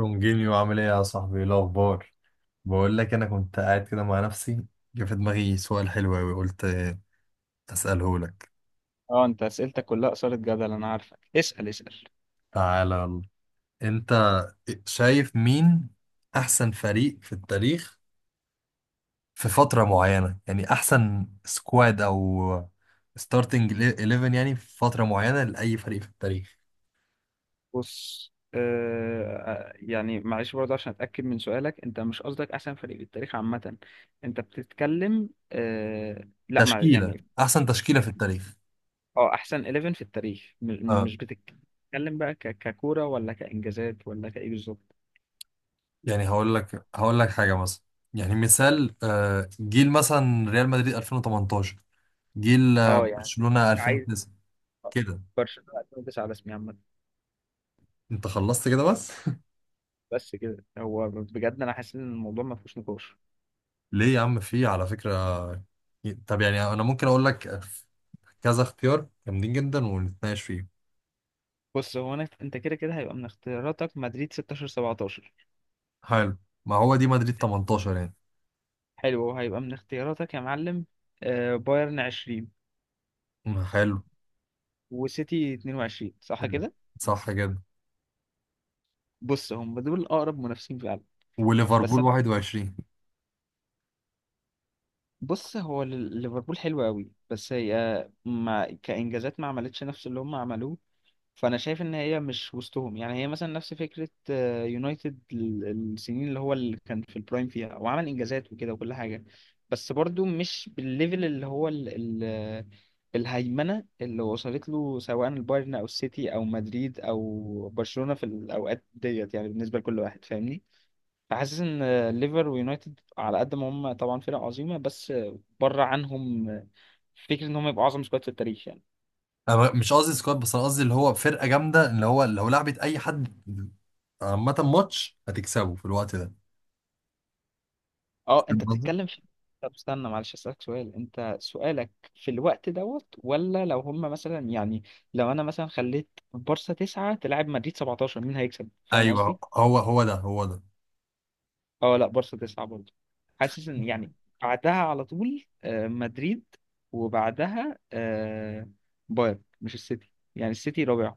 رونجينيو، عامل ايه يا صاحبي؟ ايه الاخبار؟ بقول لك، انا كنت قاعد كده مع نفسي، جه في دماغي سؤال حلو قوي، قلت اساله لك. اه، انت اسئلتك كلها اثارت جدل. انا عارفك، اسال اسال. تعالى يلا. انت شايف مين احسن فريق في التاريخ في فترة معينة؟ يعني احسن سكواد او ستارتنج 11 يعني في فترة معينة لاي فريق في التاريخ. بص، يعني معلش برضه عشان اتاكد من سؤالك، انت مش قصدك احسن فريق بالتاريخ عامه. انت بتتكلم لا، مع تشكيلة، يعني. احسن تشكيلة في التاريخ. اه، احسن 11 في التاريخ، اه مش بتتكلم بقى ككوره ولا كانجازات ولا كايه بالظبط؟ يعني هقول لك حاجة مثلا، يعني مثال، جيل مثلا ريال مدريد 2018، جيل اه، يعني برشلونة عايز 2009 كده. برشلونه 2009 على اسمي عامه. انت خلصت كده بس؟ بس كده هو بجد انا حاسس ان الموضوع ما فيهوش نقاش. ليه يا عم، في على فكرة. طب يعني انا ممكن اقول لك كذا اختيار جامدين جدا ونتناقش فيه. بص، هو انا انت كده كده هيبقى من اختياراتك مدريد 16 17. حلو، ما هو دي مدريد 18 يعني. حلو، هيبقى من اختياراتك يا معلم. بايرن 20 ما حلو. وسيتي 22، صح حلو. كده. صح كده. بص، هم دول اقرب منافسين فعلا. بس وليفربول أنا- 21. بص، هو ليفربول حلو قوي، بس هي ما كانجازات ما عملتش نفس اللي هم عملوه. فانا شايف ان هي مش وسطهم، يعني هي مثلا نفس فكره يونايتد السنين اللي هو اللي كان في البرايم فيها وعمل انجازات وكده وكل حاجه. بس برضو مش بالليفل اللي هو ال ال آه، الهيمنه اللي وصلت له، سواء البايرن او السيتي او مدريد او برشلونه في الاوقات ديت، يعني بالنسبه لكل واحد، فاهمني. فحاسس ان ليفر ويونايتد على قد ما هم طبعا فرق عظيمه، بس بره عنهم فكره ان هم يبقوا اعظم سكواد في التاريخ يعني. انا مش قصدي سكواد، بس انا قصدي اللي هو فرقة جامدة، اللي هو لو لعبت اي حد عامة ماتش هتكسبه في الوقت ده. اه، فاهم انت قصدي؟ بتتكلم في. طب استنى، معلش اسالك سؤال، انت سؤالك في الوقت دوت ولا لو هم مثلا، يعني لو انا مثلا خليت بارسا تسعة تلعب مدريد 17 مين هيكسب، فاهم ايوه، قصدي؟ هو ده هو ده. اه لا، بارسا تسعة برضه، حاسس ان يعني بعدها على طول مدريد، وبعدها بايرن، مش السيتي، يعني السيتي رابع.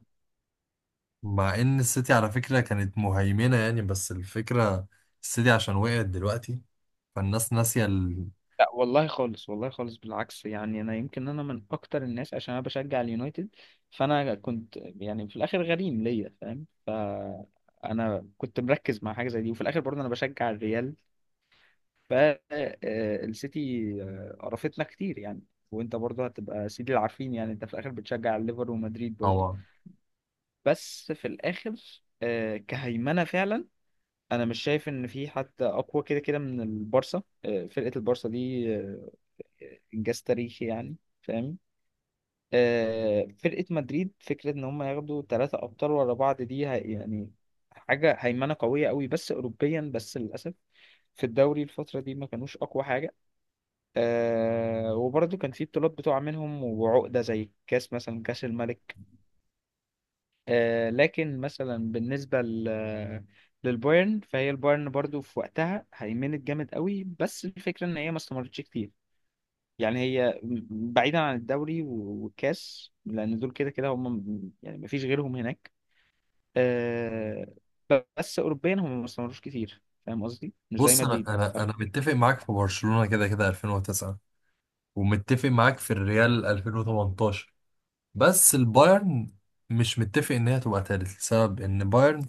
مع ان السيتي على فكرة كانت مهيمنة يعني. بس الفكرة، السيتي عشان وقعت دلوقتي، فالناس ناسية لا والله خالص، والله خالص، بالعكس. يعني انا يمكن انا من اكتر الناس، عشان انا بشجع اليونايتد، فانا كنت يعني في الاخر غريم ليا فاهم، فانا كنت مركز مع حاجه زي دي، وفي الاخر برضه انا بشجع الريال، فالسيتي قرفتنا كتير يعني. وانت برضه هتبقى سيدي العارفين، يعني انت في الاخر بتشجع الليفر ومدريد برضه. طبعا. بس في الاخر كهيمنه فعلا انا مش شايف ان في حد اقوى كده كده من البارسا. فرقه البارسا دي انجاز تاريخي يعني، فاهم. فرقه مدريد، فكره ان هم ياخدوا ثلاثه ابطال ورا بعض دي يعني حاجه هيمنه قويه قوي، بس اوروبيا بس للاسف. في الدوري الفتره دي ما كانوش اقوى حاجه. وبرضه كان في بطولات بتقع منهم وعقده، زي كاس مثلا، كاس الملك. لكن مثلا بالنسبه ل للبايرن، فهي البايرن برضو في وقتها هيمنت جامد قوي، بس الفكره ان هي ما استمرتش كتير. يعني هي بعيدا عن الدوري والكاس، لان دول كده كده هم يعني مفيش غيرهم هناك. آه، بس اوروبيا هم ما استمروش كتير، فاهم قصدي، مش زي بص، انا مدريد. انا انا متفق معاك في برشلونة كده كده 2009، ومتفق معاك في الريال 2018، بس البايرن مش متفق ان هي تبقى تالت، لسبب ان بايرن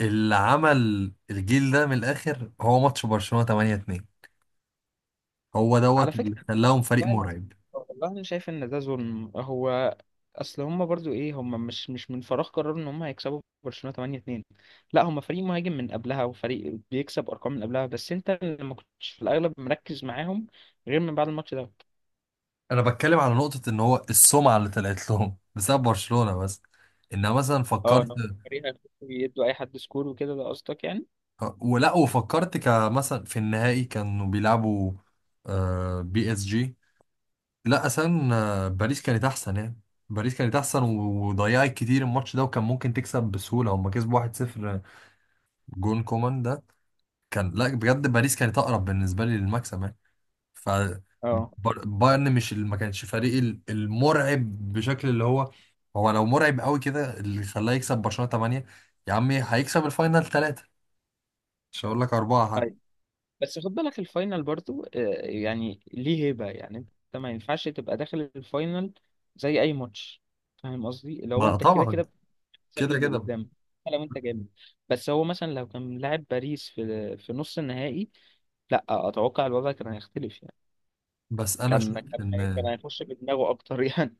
اللي عمل الجيل ده من الاخر هو ماتش برشلونة 8-2. هو على دوت اللي فكره، خلاهم فريق والله العظيم، مرعب. والله انا شايف ان ده ظلم هو. اصل هم برضو ايه، هم مش من فراغ قرروا ان هم هيكسبوا برشلونه 8-2. لا، هم فريق مهاجم من قبلها، وفريق بيكسب ارقام من قبلها، بس انت اللي ما كنتش في الاغلب مركز معاهم غير من بعد الماتش ده. انا بتكلم على نقطة ان هو السمعة اللي طلعت لهم بسبب برشلونة بس، انها مثلا اه، إن فكرت هم فريق يدوا اي حد سكور وكده، ده قصدك يعني. ولا وفكرت كمثلا في النهائي كانوا بيلعبوا PSG. لا اصلا، باريس كانت احسن يعني، باريس كانت احسن وضيعت كتير الماتش ده، وكان ممكن تكسب بسهولة. هم كسبوا 1-0. جون كومان ده كان، لا بجد باريس كانت اقرب بالنسبة لي للمكسب يعني. ف اه، بايرن مش، ما كانش فريق المرعب بشكل اللي هو، هو لو مرعب قوي كده اللي خلاه يكسب برشلونة 8، يا عمي هيكسب الفاينل 3، مش هقول لك 4 حتى. أيوة. بس خد بالك، الفاينل برضو يعني ليه هيبة، يعني انت ما ينفعش تبقى داخل الفاينل زي اي ماتش، فاهم قصدي. لو ما انت كده طبعا. كده بتكسب كده للي كده. قدامك حتى لو انت جامد، بس هو مثلا لو كان لاعب باريس في نص النهائي لا، اتوقع الوضع كان هيختلف يعني. بس انا شايف كان ان كان هيخش بدماغه اكتر يعني.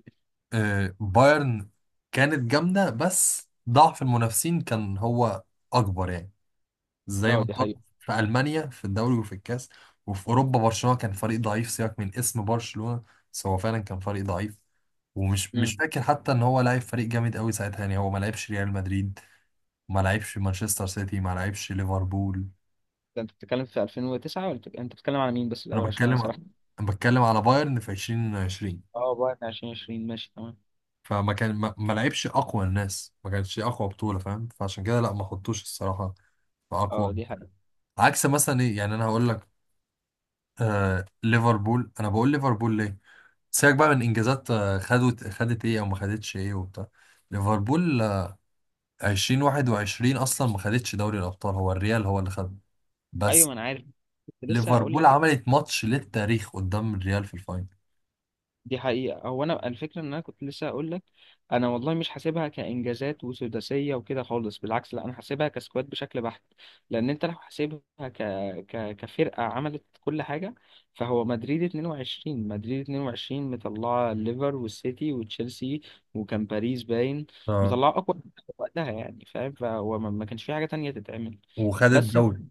بايرن كانت جامدة، بس ضعف المنافسين كان هو اكبر يعني. زي ما اه، دي اتحط حقيقة. في المانيا في الدوري وفي الكاس، وفي اوروبا برشلونه كان فريق ضعيف. سيبك من اسم برشلونه، بس هو فعلا كان فريق ضعيف. ومش مش امم فاكر حتى ان هو لعب فريق جامد قوي ساعتها يعني. هو ما لعبش ريال مدريد، ما لعبش مانشستر سيتي، ما لعبش ليفربول. ده انت بتتكلم في 2009 ولا انت بتتكلم على مين بس انا الاول، عشان انا بتكلم سرحت؟ انا بتكلم على بايرن في 2020. اه، بعد عشان 2020، ماشي تمام. فما كان ما لعبش اقوى الناس، ما كانتش اقوى بطوله فاهم، فعشان كده لا، ما حطوش الصراحه في اه، اقوى. دي حقيقة. عكس مثلا ايه يعني، انا هقول لك. ليفربول، انا بقول ليفربول ليه. سيبك بقى من انجازات، خدت ايه او ما خدتش ايه وبتاع. ليفربول 2021 اصلا ما خدتش دوري الابطال، هو الريال هو اللي خد. ايوه، بس ما انا عارف، كنت لسه هقول ليفربول لك. عملت ماتش للتاريخ قدام الريال في الفاينل. دي حقيقة، هو انا الفكرة ان انا كنت لسه هقول لك، انا والله مش حاسبها كانجازات وسداسية وكده خالص، بالعكس لا، انا حاسبها كسكواد بشكل بحت. لان انت لو حاسبها كفرقة عملت كل حاجة، فهو مدريد 22 مدريد 22 مطلعة الليفر والسيتي وتشيلسي، وكان باريس باين اه، مطلعة اقوى وقتها، يعني فاهم، فهو ما كانش في حاجة تانية تتعمل. وخدت بس دوري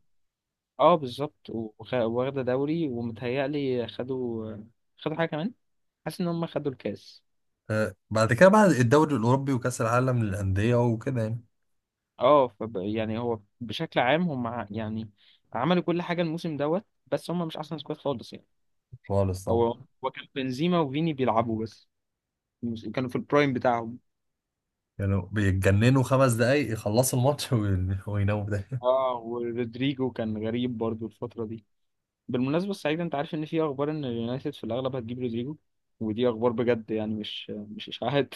اه بالظبط، واخدة دوري، ومتهيألي خدوا حاجة كمان. حاسس ان هم خدوا الكاس. بعد كده، بعد الدوري الاوروبي وكاس العالم للانديه وكده يعني. اه، يعني هو بشكل عام هم يعني عملوا كل حاجة الموسم دوت، بس هم مش احسن سكواد خالص يعني. خالص هو طبعا. هو كان بنزيما وفيني بيلعبوا بس، كانوا في البرايم بتاعهم. يعني بيتجننوا 5 دقايق يخلصوا الماتش ويناموا ده. اه، ورودريجو كان غريب برضو الفترة دي. بالمناسبة السعيدة، انت عارف ان في اخبار ان اليونايتد في الاغلب هتجيب رودريجو؟ ودي اخبار بجد يعني، مش اشاعات.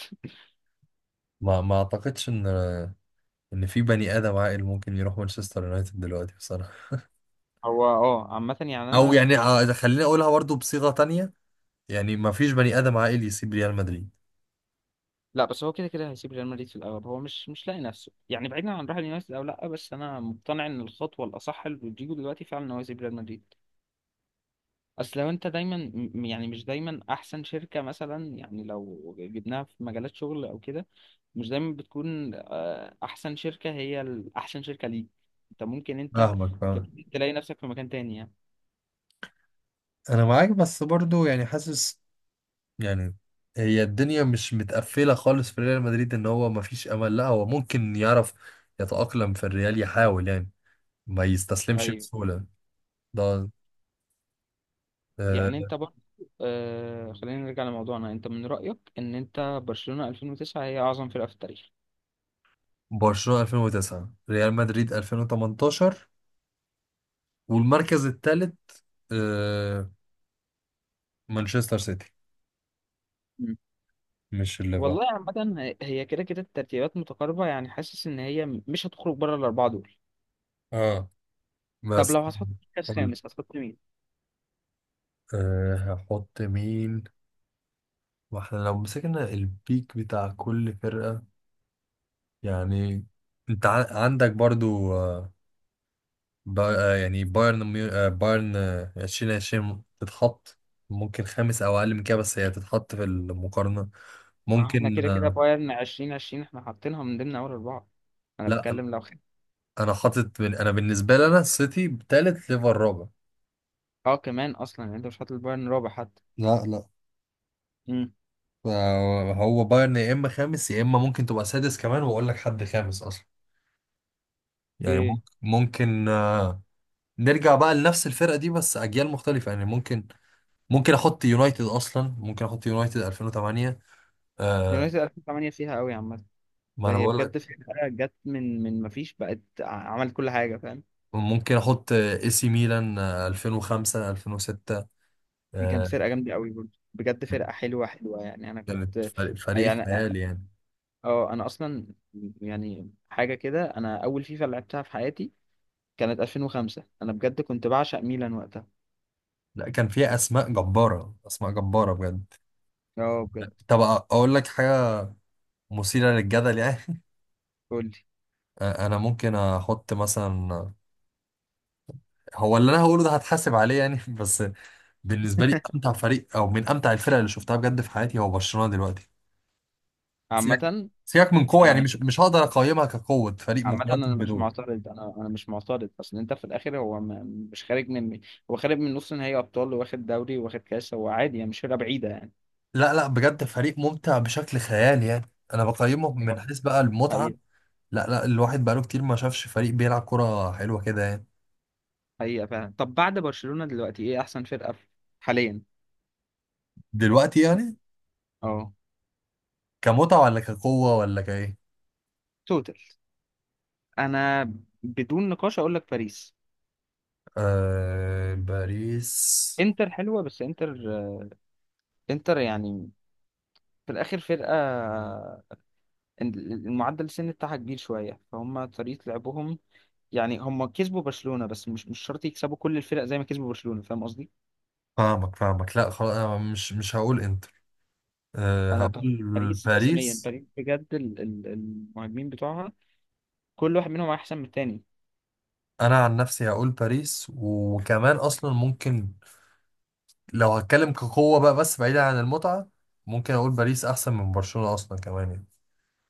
ما اعتقدش ان في بني ادم عاقل ممكن يروح مانشستر يونايتد دلوقتي بصراحه. هو اه، عامة يعني او انا. يعني إذا خليني اقولها برضو بصيغة تانية، يعني ما فيش بني ادم عاقل يسيب ريال مدريد. لا بس هو كده كده هيسيب ريال مدريد في الاول، هو مش لاقي نفسه يعني، بعيدا عن راح اليونايتد او لا. بس انا مقتنع ان الخطوه الاصح لرودريجو دلوقتي فعلا ان هو يسيب ريال مدريد. اصل لو انت دايما يعني مش دايما احسن شركه، مثلا يعني لو جبناها في مجالات شغل او كده، مش دايما بتكون احسن شركه هي احسن شركه ليك. انت ممكن فاهمك ت- فاهمك. تلاقي نفسك في مكان تاني يعني. انا معاك، بس برضو يعني حاسس يعني، هي الدنيا مش متقفلة خالص في ريال مدريد ان هو ما فيش امل، لا هو ممكن يعرف يتأقلم في الريال، يحاول يعني، ما يستسلمش ايوه، بسهولة. ده يعني آه، انت برضه خلينا نرجع لموضوعنا. انت من رايك ان انت برشلونه 2009 هي اعظم فرقه في التاريخ. برشلونة 2009، ريال مدريد 2018، والمركز الثالث مانشستر سيتي، مش الليفر. والله عامة هي كده كده الترتيبات متقاربة، يعني حاسس إن هي مش هتخرج بره الأربعة دول. اه طب بس. لو هتحط مركز خامس هتحط مين؟ أه هحط مين؟ واحنا لو مسكنا البيك بتاع كل فرقة، يعني انت عندك برضو با آه، يعني بايرن 2020 تتحط ممكن خامس او اقل من كده، بس هي تتحط في المقارنة ما هو احنا ممكن كده كده بايرن 2020 احنا حاطينها من ضمن أول أربعة. أنا لا انا. بتكلم لو خد. انا بالنسبة لي انا السيتي تالت ليفر رابع. اه، كمان أصلا يعني أنت مش حاطط البايرن رابع حتى. لا لا. امم هو بايرن يا اما خامس يا اما ممكن تبقى سادس كمان، واقول لك حد خامس اصلا يعني. اوكي. ممكن نرجع بقى لنفس الفرقة دي بس أجيال مختلفة. يعني ممكن أحط يونايتد، أصلا ممكن أحط يونايتد 2008. آه يونايتد 2008 فيها قوي عامة، ما أنا هي بقول لك. بجد فرقة جت من مفيش، بقت عملت كل حاجة، فاهم؟ ممكن أحط AC ميلان 2005 2006. دي كانت آه فرقة جامدة قوي برضه، بجد فرقة حلوة حلوة يعني، أنا كانت كنت. فريق يعني خيالي يعني. اه انا اصلا يعني حاجه كده، انا اول فيفا لعبتها في حياتي كانت 2005، انا بجد كنت بعشق ميلان وقتها. لا كان فيها أسماء جبارة، أسماء جبارة بجد. اه بجد. طب أقول لك حاجة مثيرة للجدل يعني قول لي. أنا ممكن أحط مثلا، هو اللي أنا هقوله ده هتحاسب عليه يعني بس بالنسبة لي، أمتع فريق أو من أمتع الفرق اللي شفتها بجد في حياتي هو برشلونة دلوقتي. سيبك عامه سيبك من قوة، يعني عم- مش هقدر أقيمها كقوة فريق عامه مقارنة انا مش بدول. معترض، انا مش معترض. اصل انت في الاخر هو ما مش خارج من، هو خارج من نص نهائي ابطال، واخد دوري واخد كاس، هو عادي يعني مش فرقه بعيده يعني. لا لا، بجد فريق ممتع بشكل خيالي يعني، أنا بقيمه من اه، حيث بقى المتعة. حقيقه. لا لا، الواحد بقاله كتير ما شافش فريق بيلعب كرة حلوة كده يعني. حقيقه فعلا. طب بعد برشلونه دلوقتي ايه احسن فرقه حاليا؟ دلوقتي يعني، اه، كمتعة ولا كقوة ولا كإيه؟ توتال، انا بدون نقاش اقول لك باريس. آه باريس. انتر حلوه، بس انتر يعني في الاخر فرقه المعدل السن بتاعها كبير شويه، فهم طريقه لعبهم. يعني هم كسبوا برشلونه، بس مش شرط يكسبوا كل الفرق زي ما كسبوا برشلونه، فاهم قصدي. فاهمك فاهمك. لا خلاص، أنا مش هقول إنتر، آه انا ب- هقول باريس رسميا، باريس. باريس بجد المهاجمين بتوعها كل واحد منهم احسن من التاني. أنا عن نفسي هقول باريس، وكمان أصلا ممكن، لو هتكلم كقوة بقى بس بعيدا عن المتعة، ممكن أقول باريس أحسن من برشلونة أصلا كمان يعني.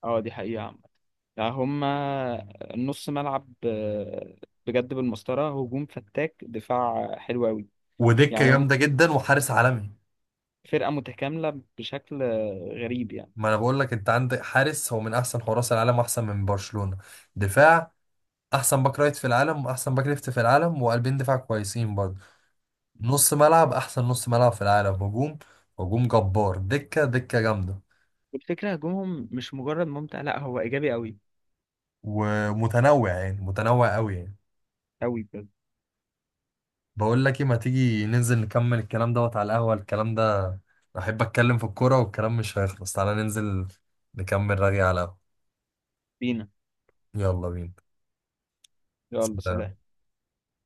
اه، دي حقيقه عامه، يعني هم نص ملعب بجد بالمسطره، هجوم فتاك، دفاع حلو قوي. ودكة يعني هم جامدة جدا، وحارس عالمي. فرقه متكامله بشكل غريب يعني. ما أنا بقول لك، أنت عندك حارس هو من أحسن حراس العالم أحسن من برشلونة. دفاع، أحسن باك رايت في العالم وأحسن باك ليفت في العالم، وقلبين دفاع كويسين برضه. نص ملعب، أحسن نص ملعب في العالم. هجوم، هجوم جبار. دكة، دكة جامدة. والفكرة هجومهم مش مجرد ممتع، لا هو إيجابي أوي. ومتنوع يعني متنوع قوي يعني. أوي بجد. بقول لك ايه، ما تيجي ننزل نكمل الكلام دوت على القهوة. الكلام ده، احب اتكلم في الكورة والكلام مش هيخلص. تعالى ننزل نكمل رغي على القهوة. بينا. يلا بينا. يلا سلام. سلام.